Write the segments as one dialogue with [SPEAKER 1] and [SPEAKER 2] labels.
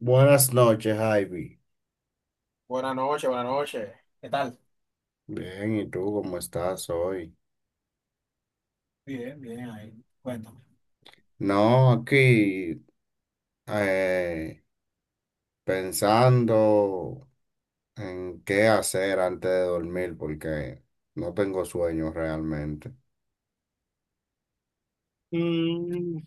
[SPEAKER 1] Buenas noches, Ivy.
[SPEAKER 2] Buenas noches, buenas noches. ¿Qué tal?
[SPEAKER 1] Bien, ¿y tú cómo estás hoy?
[SPEAKER 2] Bien, bien, ahí. Cuéntame.
[SPEAKER 1] No, aquí eh, pensando en qué hacer antes de dormir porque no tengo sueño realmente.
[SPEAKER 2] Mm,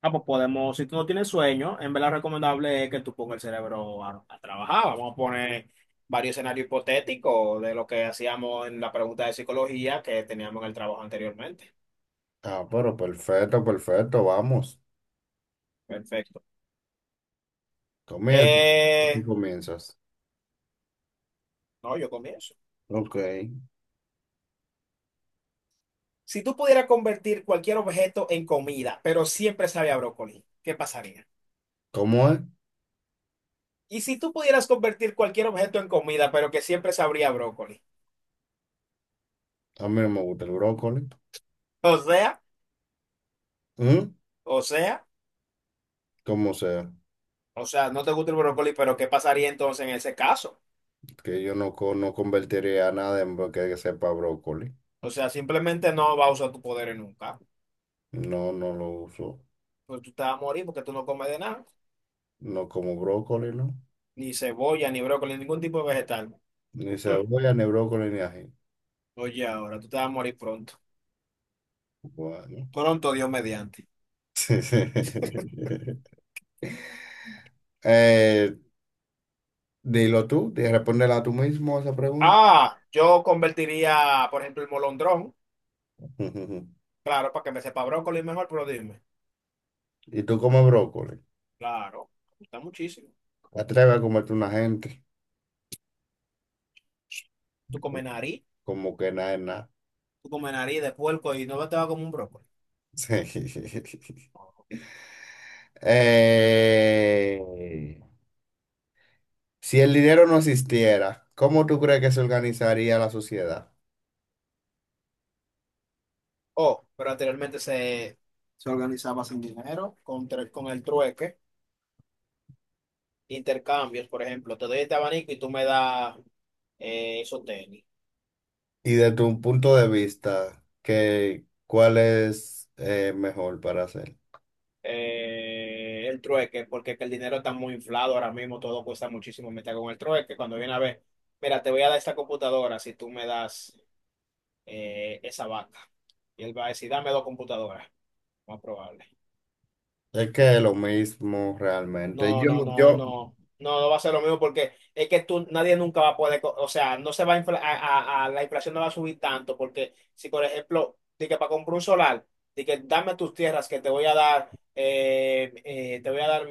[SPEAKER 2] pues podemos, si tú no tienes sueño, en verdad recomendable es que tú pongas el cerebro a trabajar. Vamos a poner varios escenarios hipotéticos de lo que hacíamos en la pregunta de psicología que teníamos en el trabajo anteriormente.
[SPEAKER 1] Ah, pero perfecto, perfecto, vamos.
[SPEAKER 2] Perfecto.
[SPEAKER 1] Comienza. Tú
[SPEAKER 2] Eh,
[SPEAKER 1] comienzas.
[SPEAKER 2] no, yo comienzo.
[SPEAKER 1] Ok.
[SPEAKER 2] Si tú pudieras convertir cualquier objeto en comida, pero siempre sabía brócoli, ¿qué pasaría?
[SPEAKER 1] ¿Cómo es?
[SPEAKER 2] Y si tú pudieras convertir cualquier objeto en comida, pero que siempre sabría brócoli.
[SPEAKER 1] A mí no me gusta el brócoli.
[SPEAKER 2] O sea,
[SPEAKER 1] ¿Mm?
[SPEAKER 2] o sea,
[SPEAKER 1] ¿Cómo sea?
[SPEAKER 2] o sea, no te gusta el brócoli, pero ¿qué pasaría entonces en ese caso?
[SPEAKER 1] Que yo no, no convertiría nada en que sepa brócoli.
[SPEAKER 2] O sea, simplemente no vas a usar tus poderes nunca.
[SPEAKER 1] No, no lo uso.
[SPEAKER 2] Pues tú te vas a morir porque tú no comes de nada,
[SPEAKER 1] No como brócoli, ¿no?
[SPEAKER 2] ni cebolla, ni brócoli, ningún tipo de vegetal.
[SPEAKER 1] Ni cebolla, ni brócoli, ni ají.
[SPEAKER 2] Oye, ahora tú te vas a morir pronto.
[SPEAKER 1] Bueno.
[SPEAKER 2] Pronto, Dios mediante.
[SPEAKER 1] Eh, dilo tú, respóndela tú mismo a esa pregunta.
[SPEAKER 2] Ah, yo convertiría, por ejemplo, el molondrón,
[SPEAKER 1] Ujú.
[SPEAKER 2] claro, para que me sepa brócoli mejor, pero dime.
[SPEAKER 1] ¿Y tú comes brócoli?
[SPEAKER 2] Claro, me gusta muchísimo.
[SPEAKER 1] ¿Te atreves a comerte una gente?
[SPEAKER 2] Tú comes nariz,
[SPEAKER 1] Como que nada es nada.
[SPEAKER 2] tú comes nariz de puerco y no te va como un brócoli.
[SPEAKER 1] Eh, si el dinero no existiera, ¿cómo tú crees que se organizaría la sociedad?
[SPEAKER 2] Oh, pero anteriormente se organizaba sin dinero, con el trueque, intercambios, por ejemplo, te doy este abanico y tú me das esos tenis.
[SPEAKER 1] Y de tu punto de vista, ¿qué, cuál es mejor para hacer?
[SPEAKER 2] El trueque, porque es que el dinero está muy inflado ahora mismo, todo cuesta muchísimo meter con el trueque. Cuando viene a ver, mira, te voy a dar esta computadora si tú me das esa vaca. Y él va a decir, dame dos computadoras, más probable.
[SPEAKER 1] Es que es lo mismo realmente.
[SPEAKER 2] No, no, no, no, no, no va a ser lo mismo porque es que tú, nadie nunca va a poder, o sea, no se va a, la inflación no va a subir tanto porque si, por ejemplo, de que para comprar un solar, de que dame tus tierras que te voy a dar, te voy a dar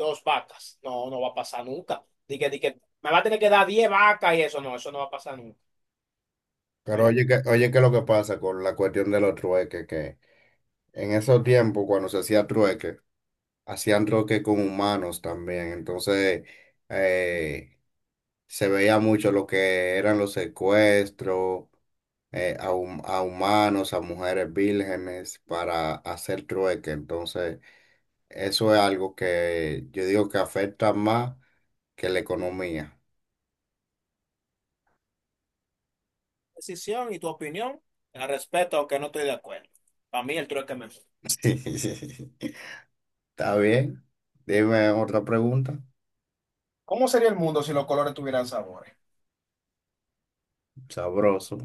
[SPEAKER 2] dos vacas, no, no va a pasar nunca. De que me va a tener que dar diez vacas y eso no va a pasar nunca.
[SPEAKER 1] Pero
[SPEAKER 2] Pero,
[SPEAKER 1] oye, que, oye, ¿qué es lo que pasa con la cuestión de los trueques? Que en esos tiempos, cuando se hacía trueque, hacían trueque con humanos también. Entonces, eh, se veía mucho lo que eran los secuestros, a humanos, a mujeres vírgenes para hacer trueque. Entonces, eso es algo que yo digo que afecta más que la economía.
[SPEAKER 2] decisión y tu opinión, la respeto, aunque no estoy de acuerdo. Para mí el trueque me...
[SPEAKER 1] Sí. Está bien. Dime otra pregunta.
[SPEAKER 2] ¿Cómo sería el mundo si los colores tuvieran sabor?
[SPEAKER 1] Sabroso.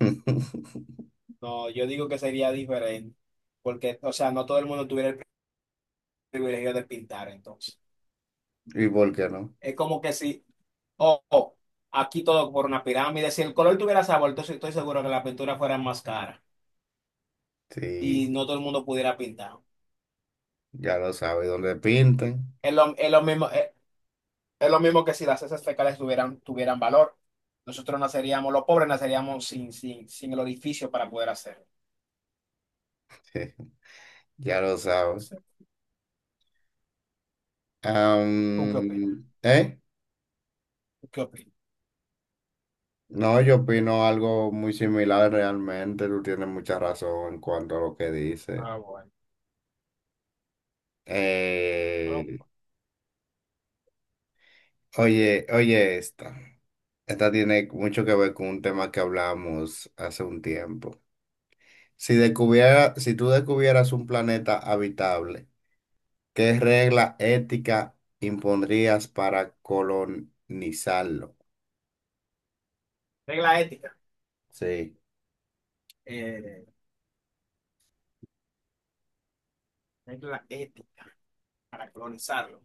[SPEAKER 2] No, yo digo que sería diferente, porque, o sea, no todo el mundo tuviera el privilegio de pintar, entonces.
[SPEAKER 1] ¿Y por qué no?
[SPEAKER 2] Es como que si, oh, oh, aquí todo por una pirámide, si el color tuviera sabor, entonces estoy seguro que la pintura fuera más cara
[SPEAKER 1] Sí,
[SPEAKER 2] y no todo el mundo pudiera pintar.
[SPEAKER 1] ya lo sabe. ¿Dónde pinten?
[SPEAKER 2] Es lo, es lo mismo, es, es lo mismo que si las heces fecales tuvieran valor. Nosotros naceríamos, los pobres naceríamos sin el orificio para poder hacerlo.
[SPEAKER 1] Sí, ya lo sabe.
[SPEAKER 2] Sí. ¿Tú qué opinas?
[SPEAKER 1] Am, ¿eh?
[SPEAKER 2] ¿Tú qué opinas?
[SPEAKER 1] No, yo opino algo muy similar realmente. Tú tienes mucha razón en cuanto a lo que dices.
[SPEAKER 2] Ah, bueno. Pero,
[SPEAKER 1] Oye, oye esta. Esta tiene mucho que ver con un tema que hablamos hace un tiempo. Si descubiera, si tú descubieras un planeta habitable, ¿qué regla ética impondrías para colonizarlo?
[SPEAKER 2] regla ética.
[SPEAKER 1] Sí,
[SPEAKER 2] Eh, Regla ética. Para colonizarlo.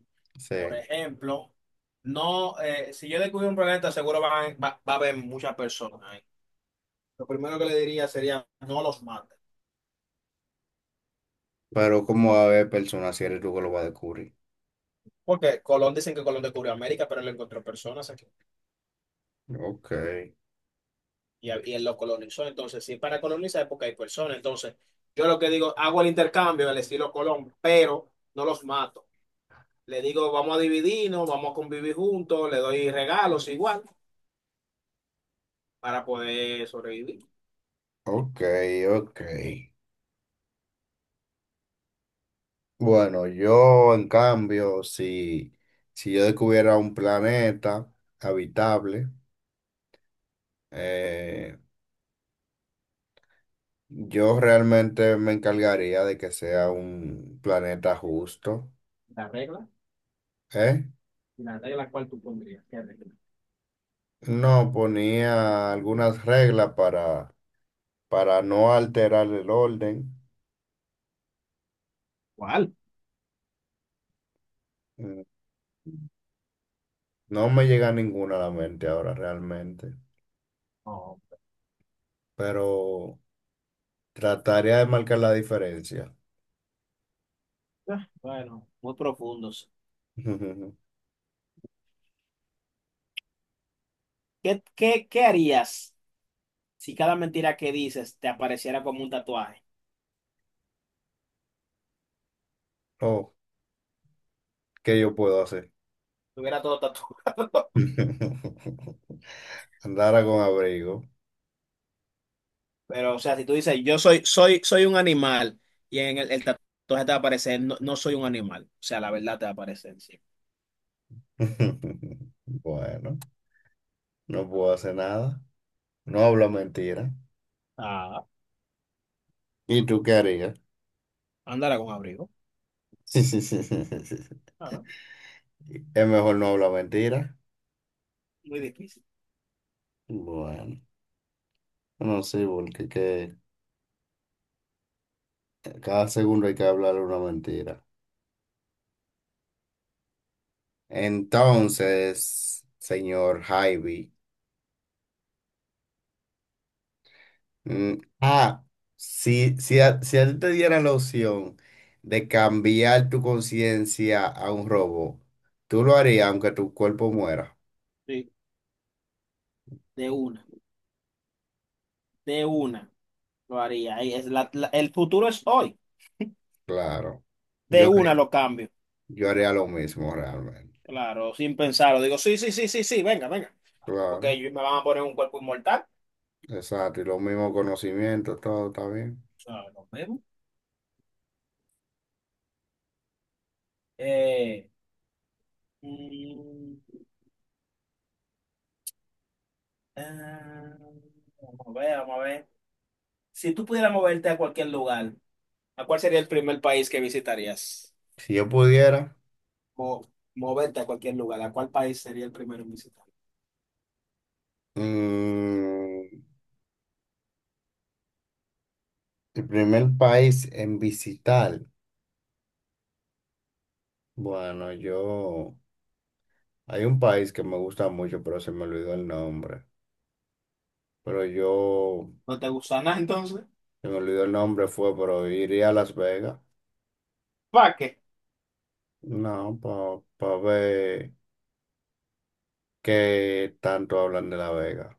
[SPEAKER 2] Por
[SPEAKER 1] sí.
[SPEAKER 2] ejemplo, no, si yo descubro un planeta, seguro va a haber muchas personas ahí. Lo primero que le diría sería, no los maten.
[SPEAKER 1] Pero ¿cómo va a haber personas si eres tú que lo va a descubrir?
[SPEAKER 2] Porque Colón dicen que Colón descubrió América, pero él encontró personas aquí
[SPEAKER 1] Ok,
[SPEAKER 2] y él lo colonizó. Entonces, si es para colonizar, es porque hay personas. Entonces, yo lo que digo, hago el intercambio al estilo Colón, pero no los mato. Le digo, vamos a dividirnos, vamos a convivir juntos, le doy regalos igual, para poder sobrevivir.
[SPEAKER 1] ok, ok. Bueno, yo en cambio, si, si yo descubiera un planeta habitable, Eh, yo realmente me encargaría de que sea un planeta justo,
[SPEAKER 2] La regla.
[SPEAKER 1] ¿eh?
[SPEAKER 2] ¿Y la regla cuál tú pondrías? ¿Qué regla?
[SPEAKER 1] No ponía algunas reglas para no alterar el orden.
[SPEAKER 2] ¿Cuál?
[SPEAKER 1] Mm, no me llega ninguna a la mente ahora realmente,
[SPEAKER 2] No.
[SPEAKER 1] pero trataría de marcar la diferencia.
[SPEAKER 2] Ah, bueno. Muy profundos. ¿Qué harías si cada mentira que dices te apareciera como un tatuaje?
[SPEAKER 1] Oh, ¿qué yo puedo hacer?
[SPEAKER 2] Tuviera todo tatuado.
[SPEAKER 1] Andara con abrigo.
[SPEAKER 2] Pero, o sea, si tú dices, yo soy un animal y en el tatuaje te va a aparecer, no, no soy un animal. O sea, la verdad te va a aparecer, sí.
[SPEAKER 1] Bueno, no puedo hacer nada. No hablo mentira.
[SPEAKER 2] Ah,
[SPEAKER 1] ¿Y tú qué harías?
[SPEAKER 2] Ándala con abrigo.
[SPEAKER 1] Sí, sí, sí, sí, sí, sí.
[SPEAKER 2] Claro.
[SPEAKER 1] Es mejor no hablar mentira.
[SPEAKER 2] Muy difícil.
[SPEAKER 1] Bueno, no sé, porque que cada segundo hay que hablar una mentira. Entonces, señor Javi, mm, ah, si, si, a, si a ti te diera la opción de cambiar tu conciencia a un robot, ¿tú lo harías aunque tu cuerpo muera?
[SPEAKER 2] Sí, de una, de una lo haría. Ahí es el futuro es hoy.
[SPEAKER 1] Claro.
[SPEAKER 2] De
[SPEAKER 1] Yo
[SPEAKER 2] una
[SPEAKER 1] haría,
[SPEAKER 2] lo cambio.
[SPEAKER 1] yo haría lo mismo realmente.
[SPEAKER 2] Claro, sin pensarlo. Digo, sí, sí, sí, sí, sí, venga, venga. Porque
[SPEAKER 1] Claro.
[SPEAKER 2] ellos me van a poner un cuerpo inmortal.
[SPEAKER 1] Exacto, y los mismos conocimientos, todo está bien.
[SPEAKER 2] O sea, nos vemos. Eh, mm, ah, Vamos a ver, vamos a ver. Si tú pudieras moverte a cualquier lugar, ¿a cuál sería el primer país que visitarías?
[SPEAKER 1] Si yo pudiera,
[SPEAKER 2] O moverte a cualquier lugar, ¿a cuál país sería el primero en visitar?
[SPEAKER 1] mm, el primer país en visitar, bueno, yo, hay un país que me gusta mucho, pero se me olvidó el nombre. Pero yo,
[SPEAKER 2] ¿No te gusta nada entonces?
[SPEAKER 1] se me olvidó el nombre, fue, pero iría a Las Vegas.
[SPEAKER 2] ¿Para qué?
[SPEAKER 1] No, para ver qué tanto hablan de La Vega.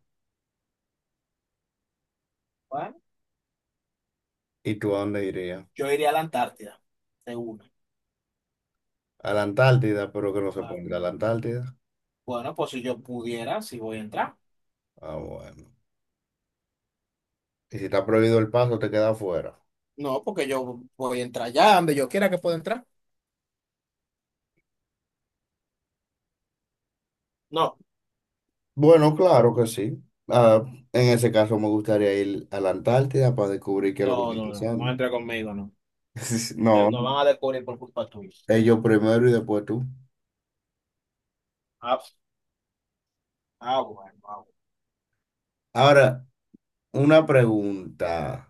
[SPEAKER 2] Bueno,
[SPEAKER 1] ¿Y tú a dónde irías?
[SPEAKER 2] yo iría a la Antártida. De una.
[SPEAKER 1] A la Antártida, pero que no se
[SPEAKER 2] Ah,
[SPEAKER 1] ponga a la Antártida.
[SPEAKER 2] bueno, pues si yo pudiera, si voy a entrar.
[SPEAKER 1] Ah, bueno. Y si está prohibido el paso, te quedas afuera.
[SPEAKER 2] No, porque yo voy a entrar ya donde yo quiera que pueda entrar. No,
[SPEAKER 1] Bueno, claro que sí. Ah, en ese caso me gustaría ir a la Antártida para descubrir qué es lo que
[SPEAKER 2] no,
[SPEAKER 1] está
[SPEAKER 2] no, no, no
[SPEAKER 1] pasando.
[SPEAKER 2] entra conmigo, no.
[SPEAKER 1] No,
[SPEAKER 2] Nos van a descubrir por culpa tuya.
[SPEAKER 1] ellos primero y después tú.
[SPEAKER 2] Ah, ah, bueno, ah, bueno.
[SPEAKER 1] Ahora, una pregunta,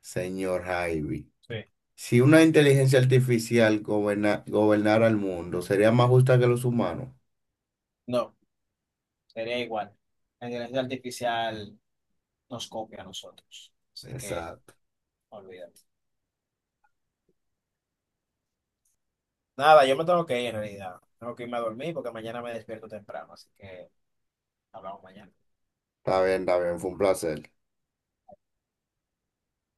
[SPEAKER 1] señor Javi.
[SPEAKER 2] Sí.
[SPEAKER 1] Si una inteligencia artificial gobernara el mundo, ¿sería más justa que los humanos?
[SPEAKER 2] No, sería igual. La inteligencia artificial nos copia a nosotros. Así que,
[SPEAKER 1] Exacto.
[SPEAKER 2] olvídate. Nada, yo me tengo que ir en realidad. Tengo que irme a dormir porque mañana me despierto temprano. Así que hablamos mañana.
[SPEAKER 1] Está bien, fue un placer.